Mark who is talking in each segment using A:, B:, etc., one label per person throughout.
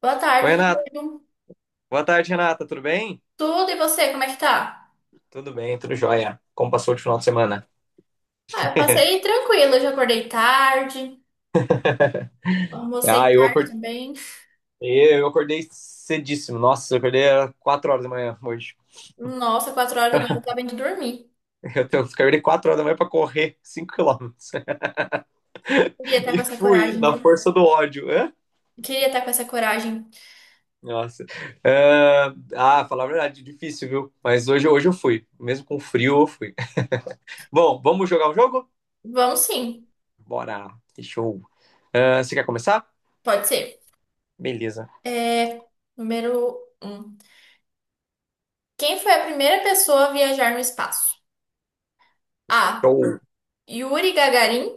A: Boa
B: Oi,
A: tarde,
B: Renata.
A: Diego.
B: Boa tarde, Renata. Tudo bem?
A: Tudo e você, como é que tá?
B: Tudo bem, tudo jóia. Como passou o final de semana?
A: Ah, eu passei tranquilo, eu já acordei tarde, almocei
B: Ah, eu
A: tarde
B: acordei,
A: também.
B: eu acordei cedíssimo. Nossa, eu acordei às 4 horas da manhã hoje.
A: Nossa, 4 horas da manhã eu tava indo dormir.
B: Acordei 4 horas da manhã para correr 5 quilômetros.
A: Queria estar com
B: E
A: essa
B: fui
A: coragem,
B: na
A: viu?
B: força do ódio, né?
A: Queria estar com essa coragem.
B: Nossa. Ah, falar a verdade, difícil, viu? Mas hoje, hoje eu fui. Mesmo com frio, eu fui. Bom, vamos jogar o jogo?
A: Vamos sim,
B: Bora. Que show. Ah, você quer começar?
A: pode ser.
B: Beleza.
A: É, número um. Quem foi a primeira pessoa a viajar no espaço? A.
B: Show.
A: Yuri Gagarin.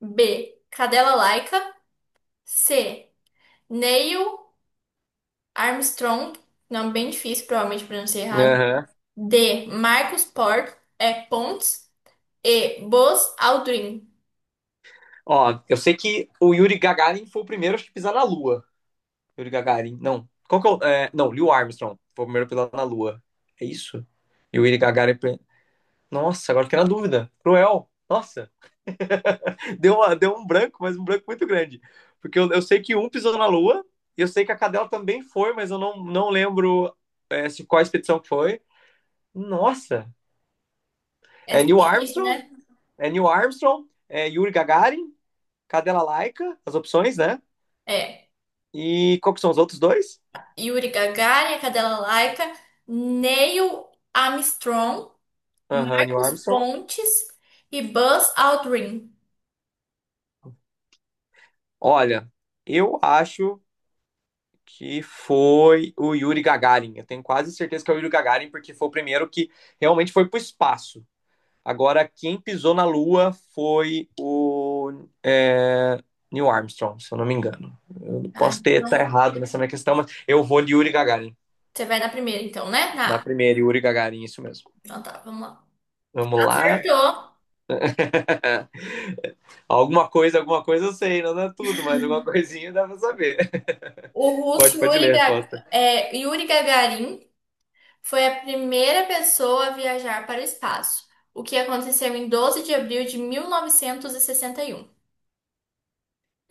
A: B. Cadela Laika. C. Neil Armstrong, nome bem difícil, provavelmente pronunciei errado.
B: Aham.
A: D. Marcos Port, é Pontes. E. Buzz Aldrin.
B: Ó, eu sei que o Yuri Gagarin foi o primeiro acho que, a pisar na Lua. Yuri Gagarin, não. Qual que é o... é, não, Neil Armstrong foi o primeiro a pisar na Lua. É isso? E o Yuri Gagarin... Nossa, agora fiquei na dúvida. Cruel. Nossa, deu um branco, mas um branco muito grande. Porque eu sei que um pisou na Lua, e eu sei que a cadela também foi, mas eu não lembro se qual a expedição que foi. Nossa, é
A: Essa é
B: Neil
A: difícil,
B: Armstrong,
A: né?
B: é Neil Armstrong, é Yuri Gagarin, cadela Laica, as opções, né?
A: É.
B: E qual que são os outros dois?
A: Yuri Gagarin, a cadela Laika. Neil Armstrong,
B: Aham, Neil
A: Marcos
B: Armstrong.
A: Pontes e Buzz Aldrin.
B: Olha, eu acho que foi o Yuri Gagarin. Eu tenho quase certeza que é o Yuri Gagarin, porque foi o primeiro que realmente foi para o espaço. Agora, quem pisou na Lua foi o é, Neil Armstrong, se eu não me engano. Eu
A: Tá,
B: posso ter tá
A: então,
B: errado nessa minha questão, mas eu vou de Yuri Gagarin.
A: você vai na primeira, então, né?
B: Na
A: Na A.
B: primeira, Yuri Gagarin, isso mesmo.
A: Então tá, vamos lá.
B: Vamos lá.
A: Acertou.
B: Alguma coisa eu sei, não dá tudo, mas alguma coisinha dá pra saber.
A: O russo
B: Pode
A: Yuri,
B: ler a
A: Gag-
B: resposta.
A: é, Yuri Gagarin. Foi a primeira pessoa a viajar para o espaço, o que aconteceu em 12 de abril de mil novecentos e sessenta e um.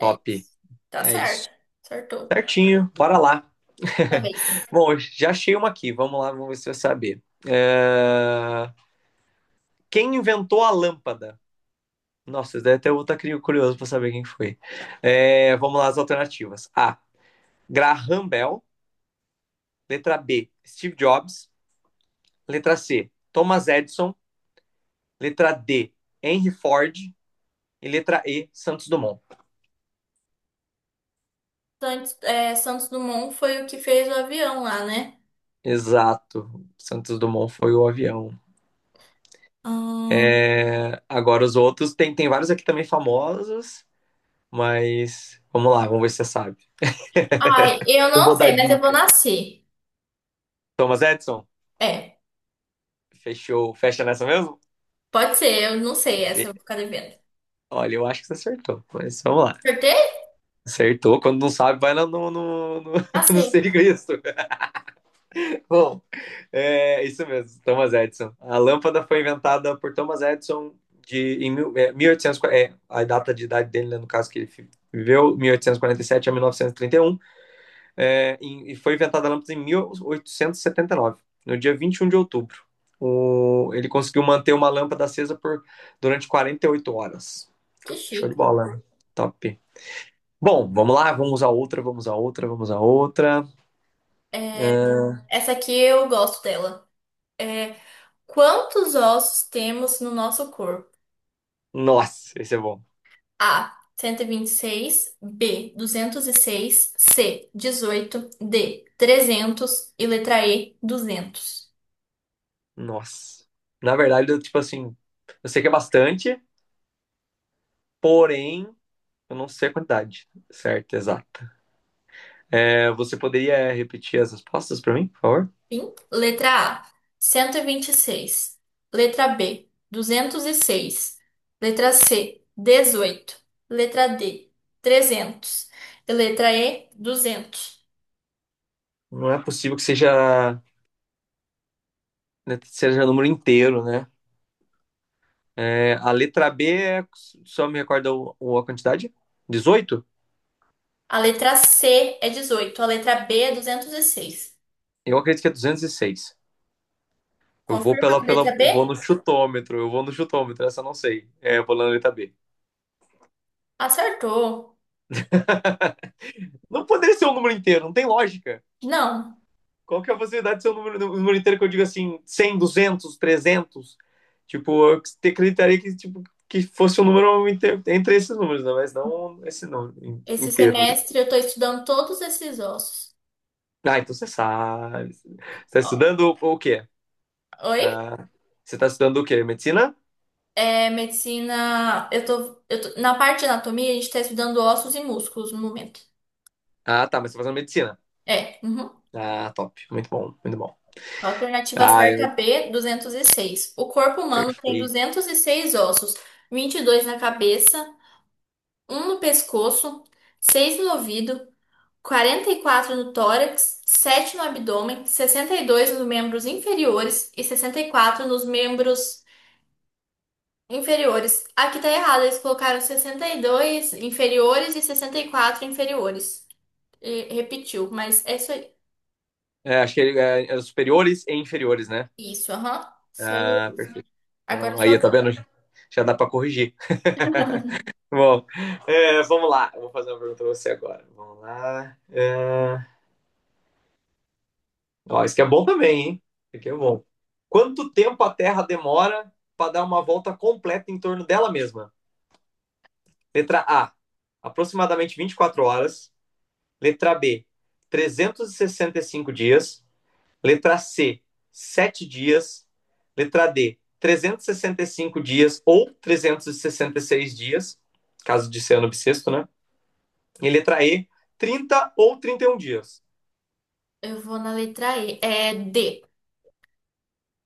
A: É isso. Tá
B: É isso.
A: certo. Acertou.
B: Certinho, bora lá.
A: Talvez.
B: Bom, já achei uma aqui. Vamos lá, vamos ver se você vai saber. Quem inventou a lâmpada? Nossa, deve até eu estar curioso para saber quem foi. Vamos lá, as alternativas. A. Graham Bell. Letra B. Steve Jobs. Letra C. Thomas Edison. Letra D. Henry Ford. E letra E. Santos Dumont.
A: Santos Dumont foi o que fez o avião lá, né?
B: Exato. Santos Dumont foi o avião.
A: Hum.
B: Agora os outros, tem vários aqui também famosos. Mas vamos lá, vamos ver se você sabe.
A: Ai, eu
B: Eu
A: não
B: vou dar
A: sei, mas eu vou
B: dica.
A: nascer.
B: Thomas Edison,
A: É,
B: fecha nessa mesmo?
A: pode ser, eu não sei essa, eu
B: Be-
A: vou ficar devendo.
B: Olha, eu acho que você acertou, mas vamos lá.
A: Acertei?
B: Acertou, quando não sabe, vai lá no, no
A: Nasci.
B: serviço. Bom, é isso mesmo, Thomas Edison. A lâmpada foi inventada por Thomas Edison em mil e oitocentos a data de idade dele, né, no caso que viveu, 1847 a mil novecentos e trinta e um é, e foi inventada a lâmpada em mil oitocentos e setenta e nove, no dia 21 de outubro. Ele conseguiu manter uma lâmpada acesa durante 48 horas.
A: Que
B: Show de
A: chique.
B: bola, né? Top. Bom, vamos lá, vamos a outra, vamos a outra, vamos a outra.
A: É,
B: É,
A: essa aqui eu gosto dela. É, quantos ossos temos no nosso corpo?
B: Nossa, esse é bom.
A: A. Cento e vinte e seis. B. 206. C. 18. D. 300. E letra E. 200.
B: Nossa. Na verdade, eu, tipo assim, eu sei que é bastante, porém, eu não sei a quantidade certa, exata. Você poderia repetir as respostas para mim, por favor?
A: Fim. Letra A. Cento e vinte e seis. Letra B. 206. Letra C. 18. Letra D. 300. E letra E. 200.
B: Não é possível que seja número inteiro, né? A letra B, só me recorda a quantidade? Dezoito.
A: A letra C é 18. A letra B é 206.
B: Eu acredito que é 206. Eu vou
A: Confirma a
B: pela,
A: letra
B: pela,
A: B?
B: eu vou no chutômetro, eu vou no chutômetro, essa eu não sei. Eu vou na letra B.
A: Acertou.
B: Não poderia ser um número inteiro, não tem lógica.
A: Não.
B: Qual que é a possibilidade de ser um número inteiro que eu digo assim, 100, 200, 300, tipo, acreditaria que, tipo, que fosse um número inteiro, entre esses números, né? Mas não esse número
A: Esse
B: inteiro, né?
A: semestre eu estou estudando todos esses ossos.
B: Ah, então você sabe. Você está
A: Ó.
B: estudando o quê?
A: Oi?
B: Pra... Você tá estudando o quê? Medicina?
A: É, medicina. Na parte de anatomia, a gente está estudando ossos e músculos no momento.
B: Ah, tá, mas você tá fazendo medicina.
A: É. Uhum.
B: Ah, top. Muito bom, muito bom.
A: Alternativa
B: Ah,
A: certa
B: é
A: B, 206. O corpo humano tem
B: perfeito.
A: 206 ossos, 22 na cabeça, um no pescoço, seis no ouvido, 44 no tórax, sete no abdômen, 62 nos membros inferiores e 64 nos membros inferiores. Aqui tá errado, eles colocaram 62 inferiores e 64 inferiores. E repetiu, mas é isso aí.
B: Acho que é os superiores e inferiores, né?
A: Isso, aham. Só
B: Ah,
A: isso.
B: perfeito.
A: Agora
B: Bom,
A: sua
B: aí, tá
A: vez.
B: vendo? Já dá pra corrigir. Bom, vamos lá. Eu vou fazer uma pergunta pra você agora. Vamos lá. Ó, isso aqui é bom também, hein? Isso aqui é bom. Quanto tempo a Terra demora para dar uma volta completa em torno dela mesma? Letra A, aproximadamente 24 horas. Letra B, trezentos e sessenta e cinco dias. Letra C, 7 dias. Letra D, trezentos e sessenta e cinco dias ou trezentos e sessenta e seis dias, caso de ser ano bissexto, né? E letra E, 30 ou 31 dias.
A: Eu vou na letra E. É D.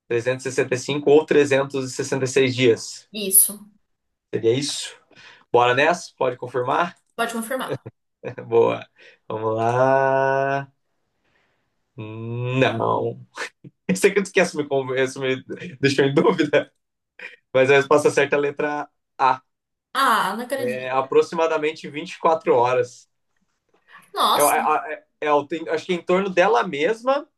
B: Trezentos e sessenta e cinco ou trezentos e sessenta e seis dias.
A: Isso.
B: Seria isso? Bora nessa? Pode confirmar?
A: Pode confirmar.
B: Boa. Vamos lá. Não. Esse aqui tu esquece, me deixou em dúvida. Mas a resposta certa é a letra A.
A: Ah, não
B: é,
A: acredito.
B: aproximadamente 24 horas.
A: Nossa.
B: Tem, acho que em torno dela mesma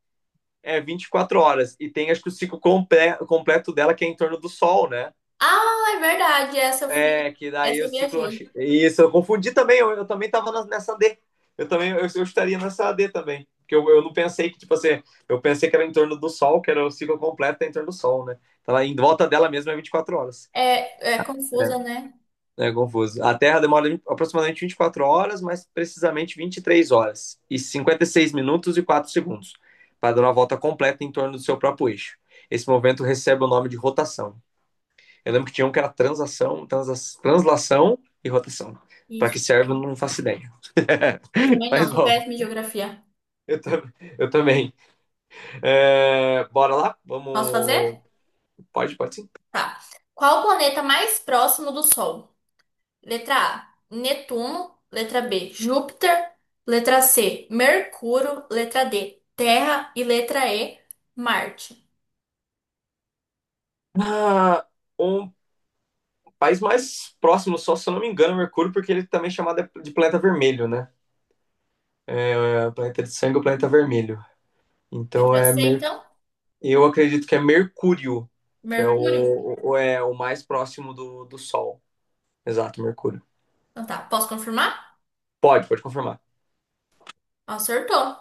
B: é 24 horas. E tem, acho que o ciclo completo dela, que é em torno do Sol, né?
A: Ah, é verdade. Essa eu fui.
B: Que daí
A: Essa
B: o
A: eu
B: ciclo.
A: viajei.
B: Isso, eu confundi também, eu também estava nessa D. Eu também, eu estaria nessa D também. Porque eu não pensei que, tipo assim, eu pensei que era em torno do Sol, que era o ciclo completo é em torno do Sol, né? Então, em volta dela mesma é 24 horas.
A: É, é
B: É.
A: confusa, né?
B: É confuso. A Terra demora aproximadamente aproximadamente 24 horas, mais precisamente 23 horas e 56 minutos e 4 segundos, para dar uma volta completa em torno do seu próprio eixo. Esse movimento recebe o nome de rotação. Eu lembro que tinha um que era transação, translação e rotação. Para
A: Isso.
B: que serve, eu não faço ideia.
A: Eu também não,
B: Mas
A: sou
B: bom,
A: péssima em geografia.
B: eu, tam- eu também. Bora lá?
A: Posso fazer?
B: Vamos. Pode, pode sim.
A: Tá. Qual o planeta mais próximo do Sol? Letra A, Netuno. Letra B, Júpiter. Letra C, Mercúrio. Letra D, Terra. E letra E, Marte.
B: Ah, um país mais próximo, só se eu não me engano, é Mercúrio, porque ele também é chamado de planeta vermelho, né? O planeta de sangue é o planeta vermelho. Então
A: Letra
B: é
A: C,
B: mer...
A: então?
B: eu acredito que é Mercúrio, que é
A: Mercúrio?
B: é o mais próximo do Sol. Exato, Mercúrio.
A: Então tá, posso confirmar?
B: Pode, pode confirmar.
A: Acertou.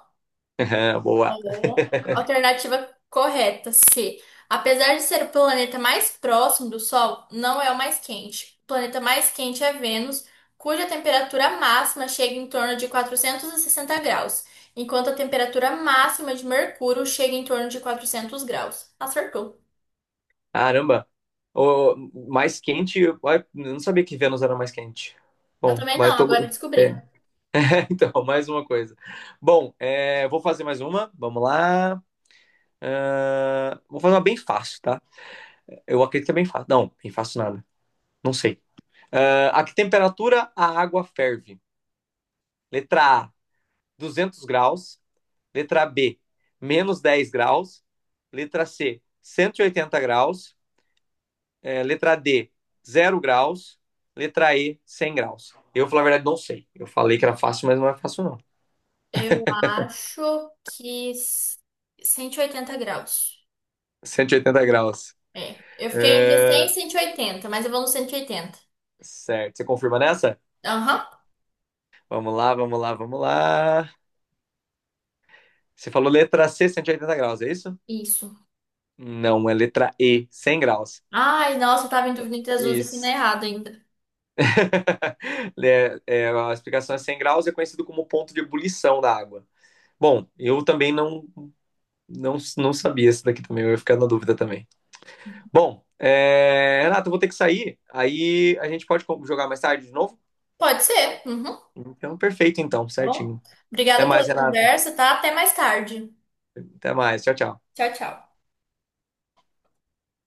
B: Boa.
A: Ó, alternativa correta, C. Apesar de ser o planeta mais próximo do Sol, não é o mais quente. O planeta mais quente é Vênus, cuja temperatura máxima chega em torno de 460 graus, enquanto a temperatura máxima de Mercúrio chega em torno de 400 graus. Acertou.
B: Caramba. O mais quente, eu não sabia que Vênus era mais quente.
A: Eu
B: Bom,
A: também não,
B: mas tô.
A: agora eu descobri.
B: é, então, mais uma coisa. Bom, vou fazer mais uma. Vamos lá. Ah, vou fazer uma bem fácil, tá? Eu acredito que é bem fácil. Não, bem fácil nada. Não sei. Ah, a que temperatura a água ferve? Letra A, 200 graus. Letra B, -10 graus. Letra C, 180 graus. Letra D, 0 graus. Letra E, 100 graus. Eu, falar a verdade, não sei. Eu falei que era fácil, mas não é fácil, não.
A: Eu acho que 180 graus.
B: 180 graus.
A: É. Eu fiquei entre 100 e
B: É,
A: 180, mas eu vou no 180.
B: certo. Você confirma nessa?
A: Aham,
B: Vamos lá, vamos lá, vamos lá. Você falou letra C, 180 graus, é isso?
A: isso.
B: Não, é letra E, 100 graus.
A: Ai, nossa, eu tava em dúvida entre Azul e Fina
B: Isso.
A: errado ainda.
B: A explicação é 100 graus, é conhecido como ponto de ebulição da água. Bom, eu também não, não sabia esse daqui também, eu ia ficar na dúvida também. Bom, Renato, eu vou ter que sair, aí a gente pode jogar mais tarde de novo?
A: Pode ser. Uhum.
B: Então, perfeito então,
A: Tá bom?
B: certinho. Até
A: Obrigada
B: mais,
A: pela
B: Renato.
A: conversa, tá? Até mais tarde.
B: Até mais, tchau, tchau.
A: Tchau, tchau.